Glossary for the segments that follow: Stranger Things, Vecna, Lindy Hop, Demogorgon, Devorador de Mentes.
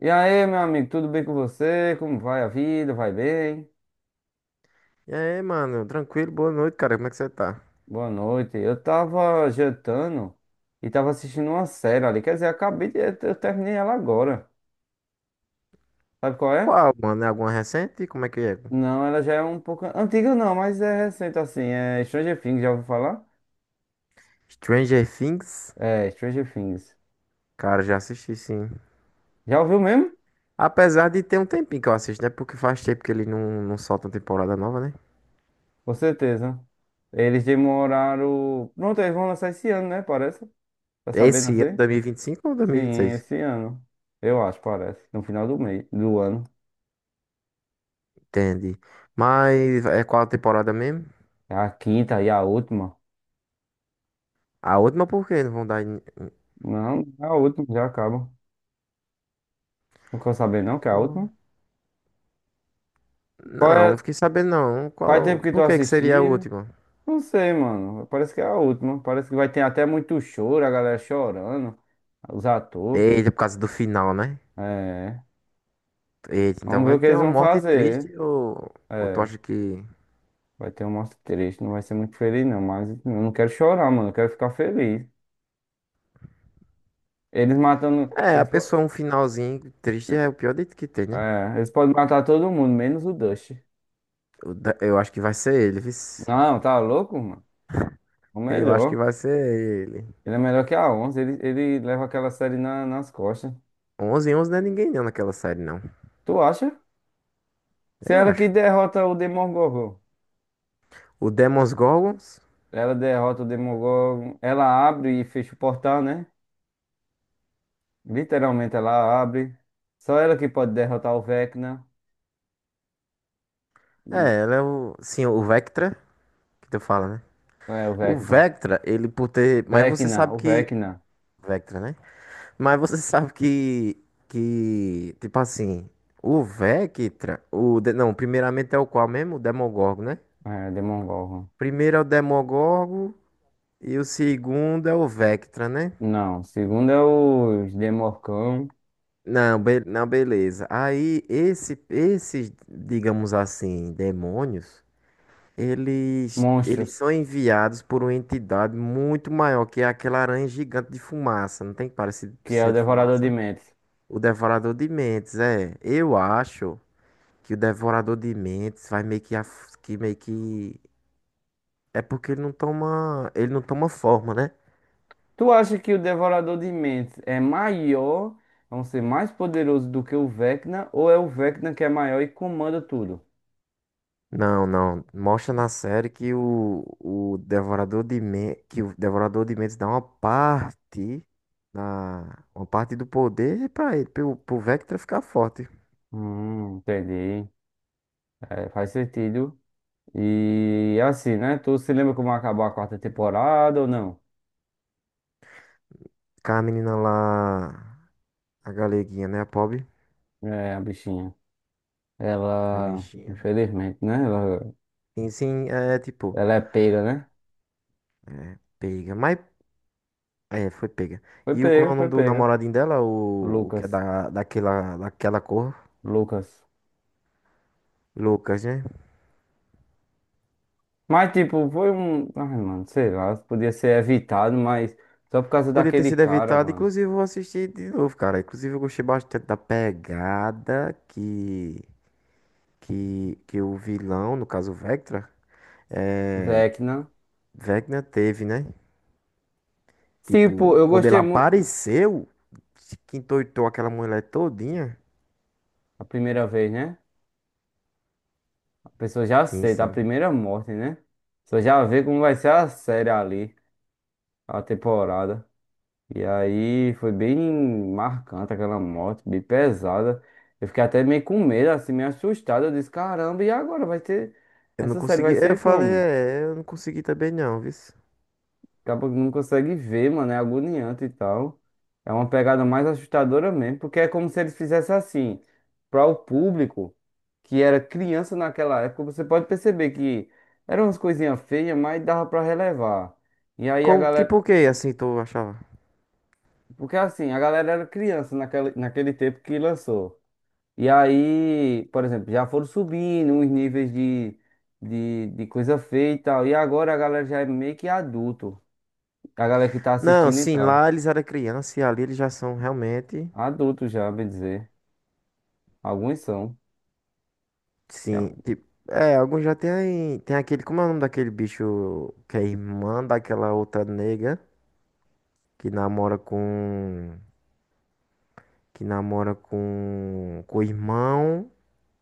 E aí, meu amigo, tudo bem com você? Como vai a vida? Vai bem? E aí, mano? Tranquilo? Boa noite, cara. Como é que você tá? Boa noite. Eu tava jantando e tava assistindo uma série ali. Quer dizer, acabei de. Eu terminei ela agora. Sabe qual é? Qual, mano? É alguma recente? Como é que é? Não, ela já é um pouco antiga, não, mas é recente assim. É Stranger Things, já ouviu falar? Stranger Things? É, Stranger Things. Cara, já assisti sim. Já ouviu mesmo? Apesar de ter um tempinho que eu assisto, né? Porque faz tempo que ele não solta uma temporada nova, né? Com certeza. Eles demoraram. Pronto, eles vão lançar esse ano, né? Parece. Tá sabendo Esse ano, assim? 2025 ou Sim, 2026? esse ano. Eu acho, parece. No final do mês, do ano. Entendi. Mas é qual a temporada mesmo? É a quinta e a última? A última por quê? Não vão dar. Não, é a última já acaba. Não quero saber não que é a Ô, última. Qual Não, é? não fiquei sabendo não. Faz Qual. tempo que tu Por que que seria a assistiu? última? Não sei, mano. Parece que é a última. Parece que vai ter até muito choro, a galera chorando. Os atores. Eita, por causa do final, né? É. Eita, Vamos então ver vai o que ter eles uma vão morte fazer. triste, ou tu É. acha que. Vai ter um mostra triste. Não vai ser muito feliz, não. Mas eu não quero chorar, mano. Eu quero ficar feliz. Eles matando. É, a Eles, po- pessoa um finalzinho triste é o pior dito que tem, né? é, eles podem matar todo mundo, menos o Dust. Eu acho que vai ser ele, vice. Não, tá louco, mano? É o Eu acho que melhor. vai ser ele. Ele é melhor que a Onze. Ele leva aquela série nas costas. Onze, e 11 não é ninguém não naquela série, não. Tu acha? Se Eu ela que acho. derrota o Demogorgon. O Demons Gorgons. Ela derrota o Demogorgon. Ela abre e fecha o portal, né? Literalmente ela abre. Só ela que pode derrotar o Vecna. E... É, ela é o. Sim, o Vectra, que tu fala, né? É, o O Vecna. Vectra, ele por ter. Mas você Vecna, sabe o que. Vecna. Vectra, né? Mas você sabe que. Que. Tipo assim. O Vectra. Não, primeiramente é o qual mesmo? O Demogorgon, né? É, Demogorgon. Primeiro é o Demogorgon. E o segundo é o Vectra, né? Não, segundo é os Demorcão. Não, não, beleza. Aí esse, esses, digamos assim, demônios, eles Monstros, são enviados por uma entidade muito maior, que é aquela aranha gigante de fumaça. Não tem parecido que é o ser de Devorador de fumaça? Mentes. O Devorador de Mentes, é. Eu acho que o Devorador de Mentes vai meio que, que meio que é porque ele não toma forma, né? Tu acha que o Devorador de Mentes é maior, é um ser mais poderoso do que o Vecna, ou é o Vecna que é maior e comanda tudo? Não, não. Mostra na série que o Devorador que o Devorador de Mentes dá uma parte da uma parte do poder pra ele, pro Vectra ficar forte. Entendi. É, faz sentido. E assim, né? Tu se lembra como acabou a quarta temporada ou não? Ficar a menina lá, a galeguinha, né, a pobre, É, a bichinha. a Ela, bichinha. infelizmente, né? Ela, Sim, sim, é tipo, ela é pega, né? pega, mas é, foi pega. Foi E o como é pega, o foi nome do pega. namoradinho dela, o que é Lucas, daquela daquela cor, Lucas. Lucas, né? Mas, tipo, foi um. Ai, mano, sei lá, podia ser evitado, mas só por causa Podia ter daquele sido cara, evitado, mano. inclusive eu vou assistir de novo, cara. Inclusive eu gostei bastante da pegada que o vilão, no caso o Vectra, é, Vecna. Vecna teve, né? Tipo, Tipo, eu quando ele gostei muito. apareceu, que endoidou aquela mulher todinha. A primeira vez, né? A pessoa já Sim, aceita a sim. primeira morte, né? A pessoa já vê como vai ser a série ali, a temporada. E aí foi bem marcante aquela morte, bem pesada. Eu fiquei até meio com medo, assim, meio assustado. Eu disse, caramba, e agora vai ter. Eu não Essa série consegui, vai eu ser falei, como? é, eu não consegui também não, viu? Acaba que não consegue ver, mano, é agoniante e tal. É uma pegada mais assustadora mesmo, porque é como se eles fizessem assim, para o público que era criança naquela época, você pode perceber que eram umas coisinhas feias, mas dava para relevar. E aí a Como, tipo galera, o quê, assim, tu achava? porque assim, a galera era criança naquele tempo que lançou. E aí, por exemplo, já foram subindo os níveis de coisa feia e tal. E agora a galera já é meio que adulto, a galera que tá Não, assistindo e sim, tal. lá eles eram criança e ali eles já são realmente. Adultos já, bem dizer. Alguns são. E Sim, al- tipo, é, alguns já tem, tem aquele, como é o nome daquele bicho que é irmã daquela outra nega que namora com, que namora com o irmão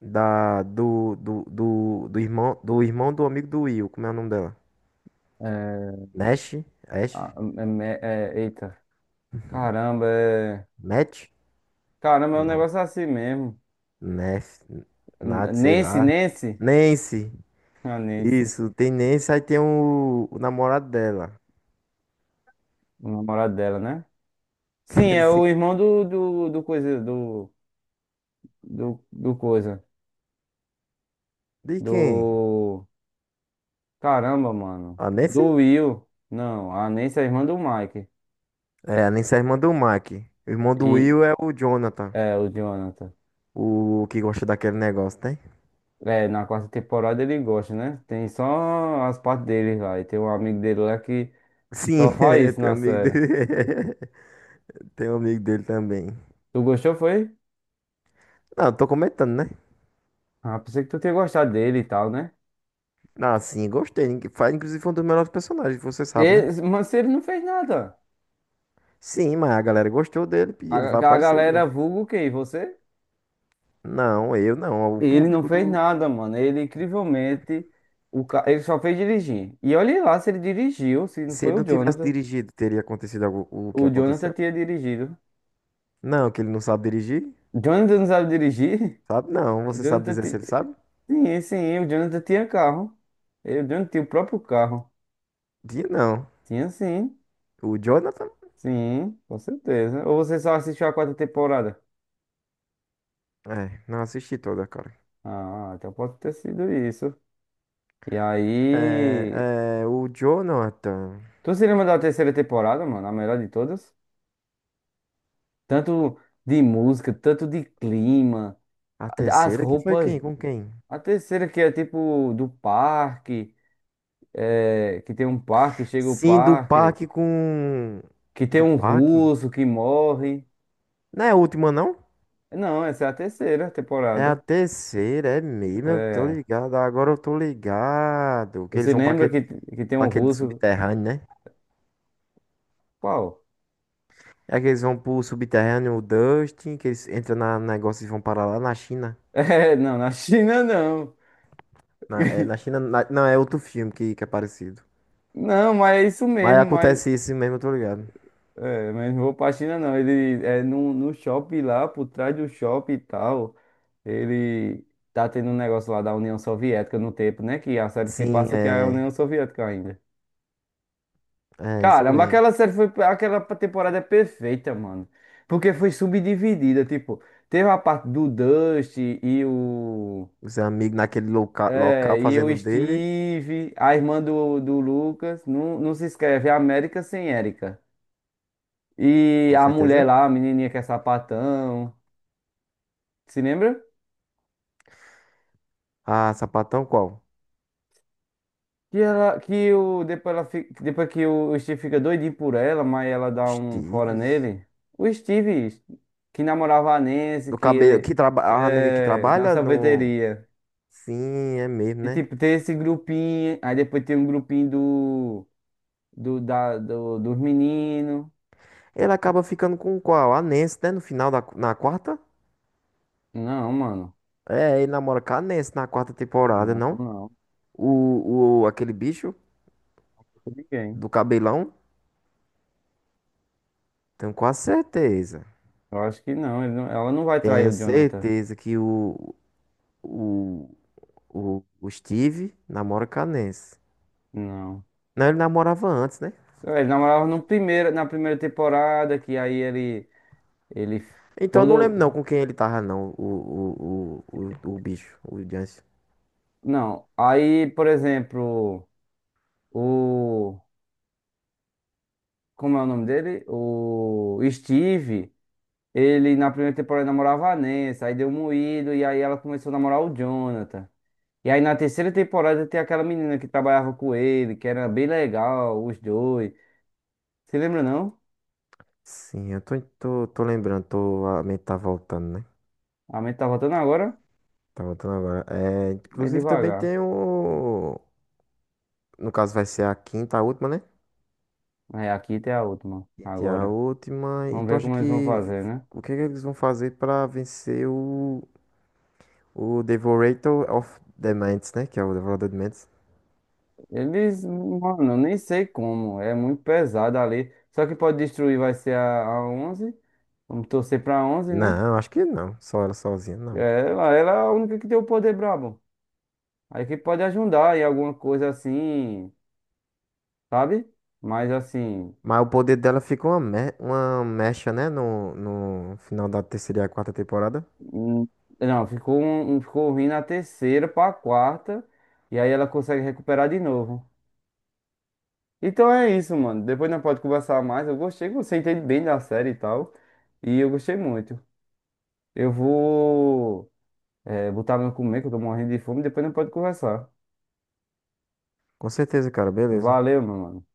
da, do, do, do, do irmão, do irmão do amigo do Will, como é o nome dela? É, Nash? Ash? a- é- eita, caramba, Matt? caramba, é um Não, negócio assim mesmo. Ness, Nath, sei Nancy, lá. Nancy? Nancy, A Nancy, isso, tem Nancy, aí tem o namorado dela. o namorado dela, né? Sim, é Assim, o irmão do coisa, do coisa, de quem? do, caramba, mano, A Nancy? do Will. Não, a Nancy é a irmã do Mike É, a Anissa é a irmã do Mac. O irmão do e, Will é o Jonathan, é, o Jonathan. o que gosta daquele negócio, tem? É, na quarta temporada ele gosta, né? Tem só as partes dele lá. E tem um amigo dele lá que Sim, só faz é, isso tem um na amigo série. dele. Tem um amigo dele também. Tu gostou, foi? Não, eu tô comentando, né? Ah, pensei que tu tinha gostado dele e tal, né? Ah, sim, gostei. Ningu- Faz, inclusive, foi um dos melhores personagens, você sabe, né? Mas ele não fez nada. Sim, mas a galera gostou dele e A, ele vai a aparecer de galera novo. vulga o quê? Você? Não, eu não. O Ele não público fez do. nada, mano. Ele, incrivelmente, ele só fez dirigir. E olha lá se ele dirigiu, se não Se foi ele o não tivesse Jonathan. dirigido, teria acontecido o que O Jonathan aconteceu? tinha dirigido. Não, que ele não sabe dirigir? Jonathan não sabe dirigir? Sabe? Não. O Você sabe Jonathan. dizer se ele sabe? Sim, sim, o Jonathan tinha carro. E o Jonathan tinha o próprio carro. Dia não. Tinha sim, O Jonathan? sim, com certeza. Ou você só assistiu a quarta temporada? É, não assisti toda, cara. Ah, então pode ter sido isso. E aí. O Jonathan. Tu se lembra da terceira temporada, mano? A melhor de todas? Tanto de música, tanto de clima, A as terceira que foi roupas. quem? Com quem? A terceira que é tipo do parque, que tem um parque, chega o Sim, do parque, parque com. que tem Do um parque? russo que morre. Não é a última, não? Não, essa é a terceira É a temporada. terceira, é mesmo. Eu tô É. ligado. Agora eu tô ligado. Que eles Você vão lembra que, tem pra um aquele russo? subterrâneo, né? Qual? É que eles vão pro subterrâneo, o Dustin, que eles entram na no negócio e vão parar lá na China. É, não, na China não. Na, é, na China. Não, é outro filme que é parecido. Não, mas é isso Mas mesmo, mas. acontece isso mesmo, eu tô ligado. É, mas não vou pra China não. Ele é no, no shopping lá, por trás do shopping e tal. Ele tá tendo um negócio lá da União Soviética no tempo, né? Que a série se Sim, passa que é a é. União Soviética ainda. É, isso Caramba, mesmo. aquela série foi. Aquela temporada é perfeita, mano. Porque foi subdividida, tipo, teve a parte do Dust e o. Os amigos naquele loca É, local e fazendo eu o dele, Steve, a irmã do Lucas, não, não se escreve é América sem Érica. E com a certeza. mulher lá, a menininha que é sapatão, se lembra? Ah, sapatão qual? Que ela, que o, depois, ela, fi- depois que o Steve fica doidinho por ela, mas ela dá um fora Steves. nele. O Steve, que namorava a Nancy, Do cabelo que trabalha. A nega que na trabalha no. sorveteria. Sim, é mesmo, E né? tipo, tem esse grupinho, aí depois tem um grupinho dos meninos. Ele acaba ficando com qual? A Nancy, né? No final da na quarta? Não, mano. É, ele namora com a Nancy na quarta temporada, Não, não? não, Aquele bicho com ninguém. do cabelão? Tenho quase certeza. Eu acho que não, ele não- ela não vai trair Tenho o Jonathan. certeza que o, o Steve namora com a Nancy. Não. Não, ele namorava antes, né? É, ele namorava no primeiro, na primeira temporada, que aí ele Então eu não todo. lembro não com quem ele tava, não, o bicho, o Jansen. Não. Aí, por exemplo, o. Como é o nome dele? O Steve. Ele na primeira temporada namorava a Nancy, aí deu moído, e aí ela começou a namorar o Jonathan. E aí na terceira temporada tem aquela menina que trabalhava com ele, que era bem legal, os dois. Você lembra, não? Sim, eu tô lembrando, tô, a mente tá voltando, né? A mente tá voltando agora? Tá voltando agora. É, É inclusive também devagar. tem o. No caso vai ser a quinta, a última, né? É, aqui tem a última. Quinta e a Agora. última. E Vamos tu ver acha como eles vão que. fazer, né? O que é que eles vão fazer pra vencer o. O Devorator of the Mentes, né? Que é o Devorador de Mentes. Eles, mano, eu nem sei como. É muito pesado ali. Só que pode destruir vai ser a Onze. Vamos torcer pra Onze, né? Não, acho que não. Só ela sozinha, É, não. ela é a única que tem o poder brabo. Aí que pode ajudar em alguma coisa assim, sabe? Mas assim. Mas o poder dela fica uma, uma mecha, né? No, no final da terceira e a quarta temporada. hum, Não, ficou ruim na terceira pra quarta. E aí ela consegue recuperar de novo. Então é isso, mano. Depois nós pode conversar mais. Eu gostei, você entende bem da série e tal. E eu gostei muito. Eu vou, botar meu comer, que eu tô morrendo de fome. Depois nós pode conversar. Com certeza, cara, beleza. Valeu, meu mano.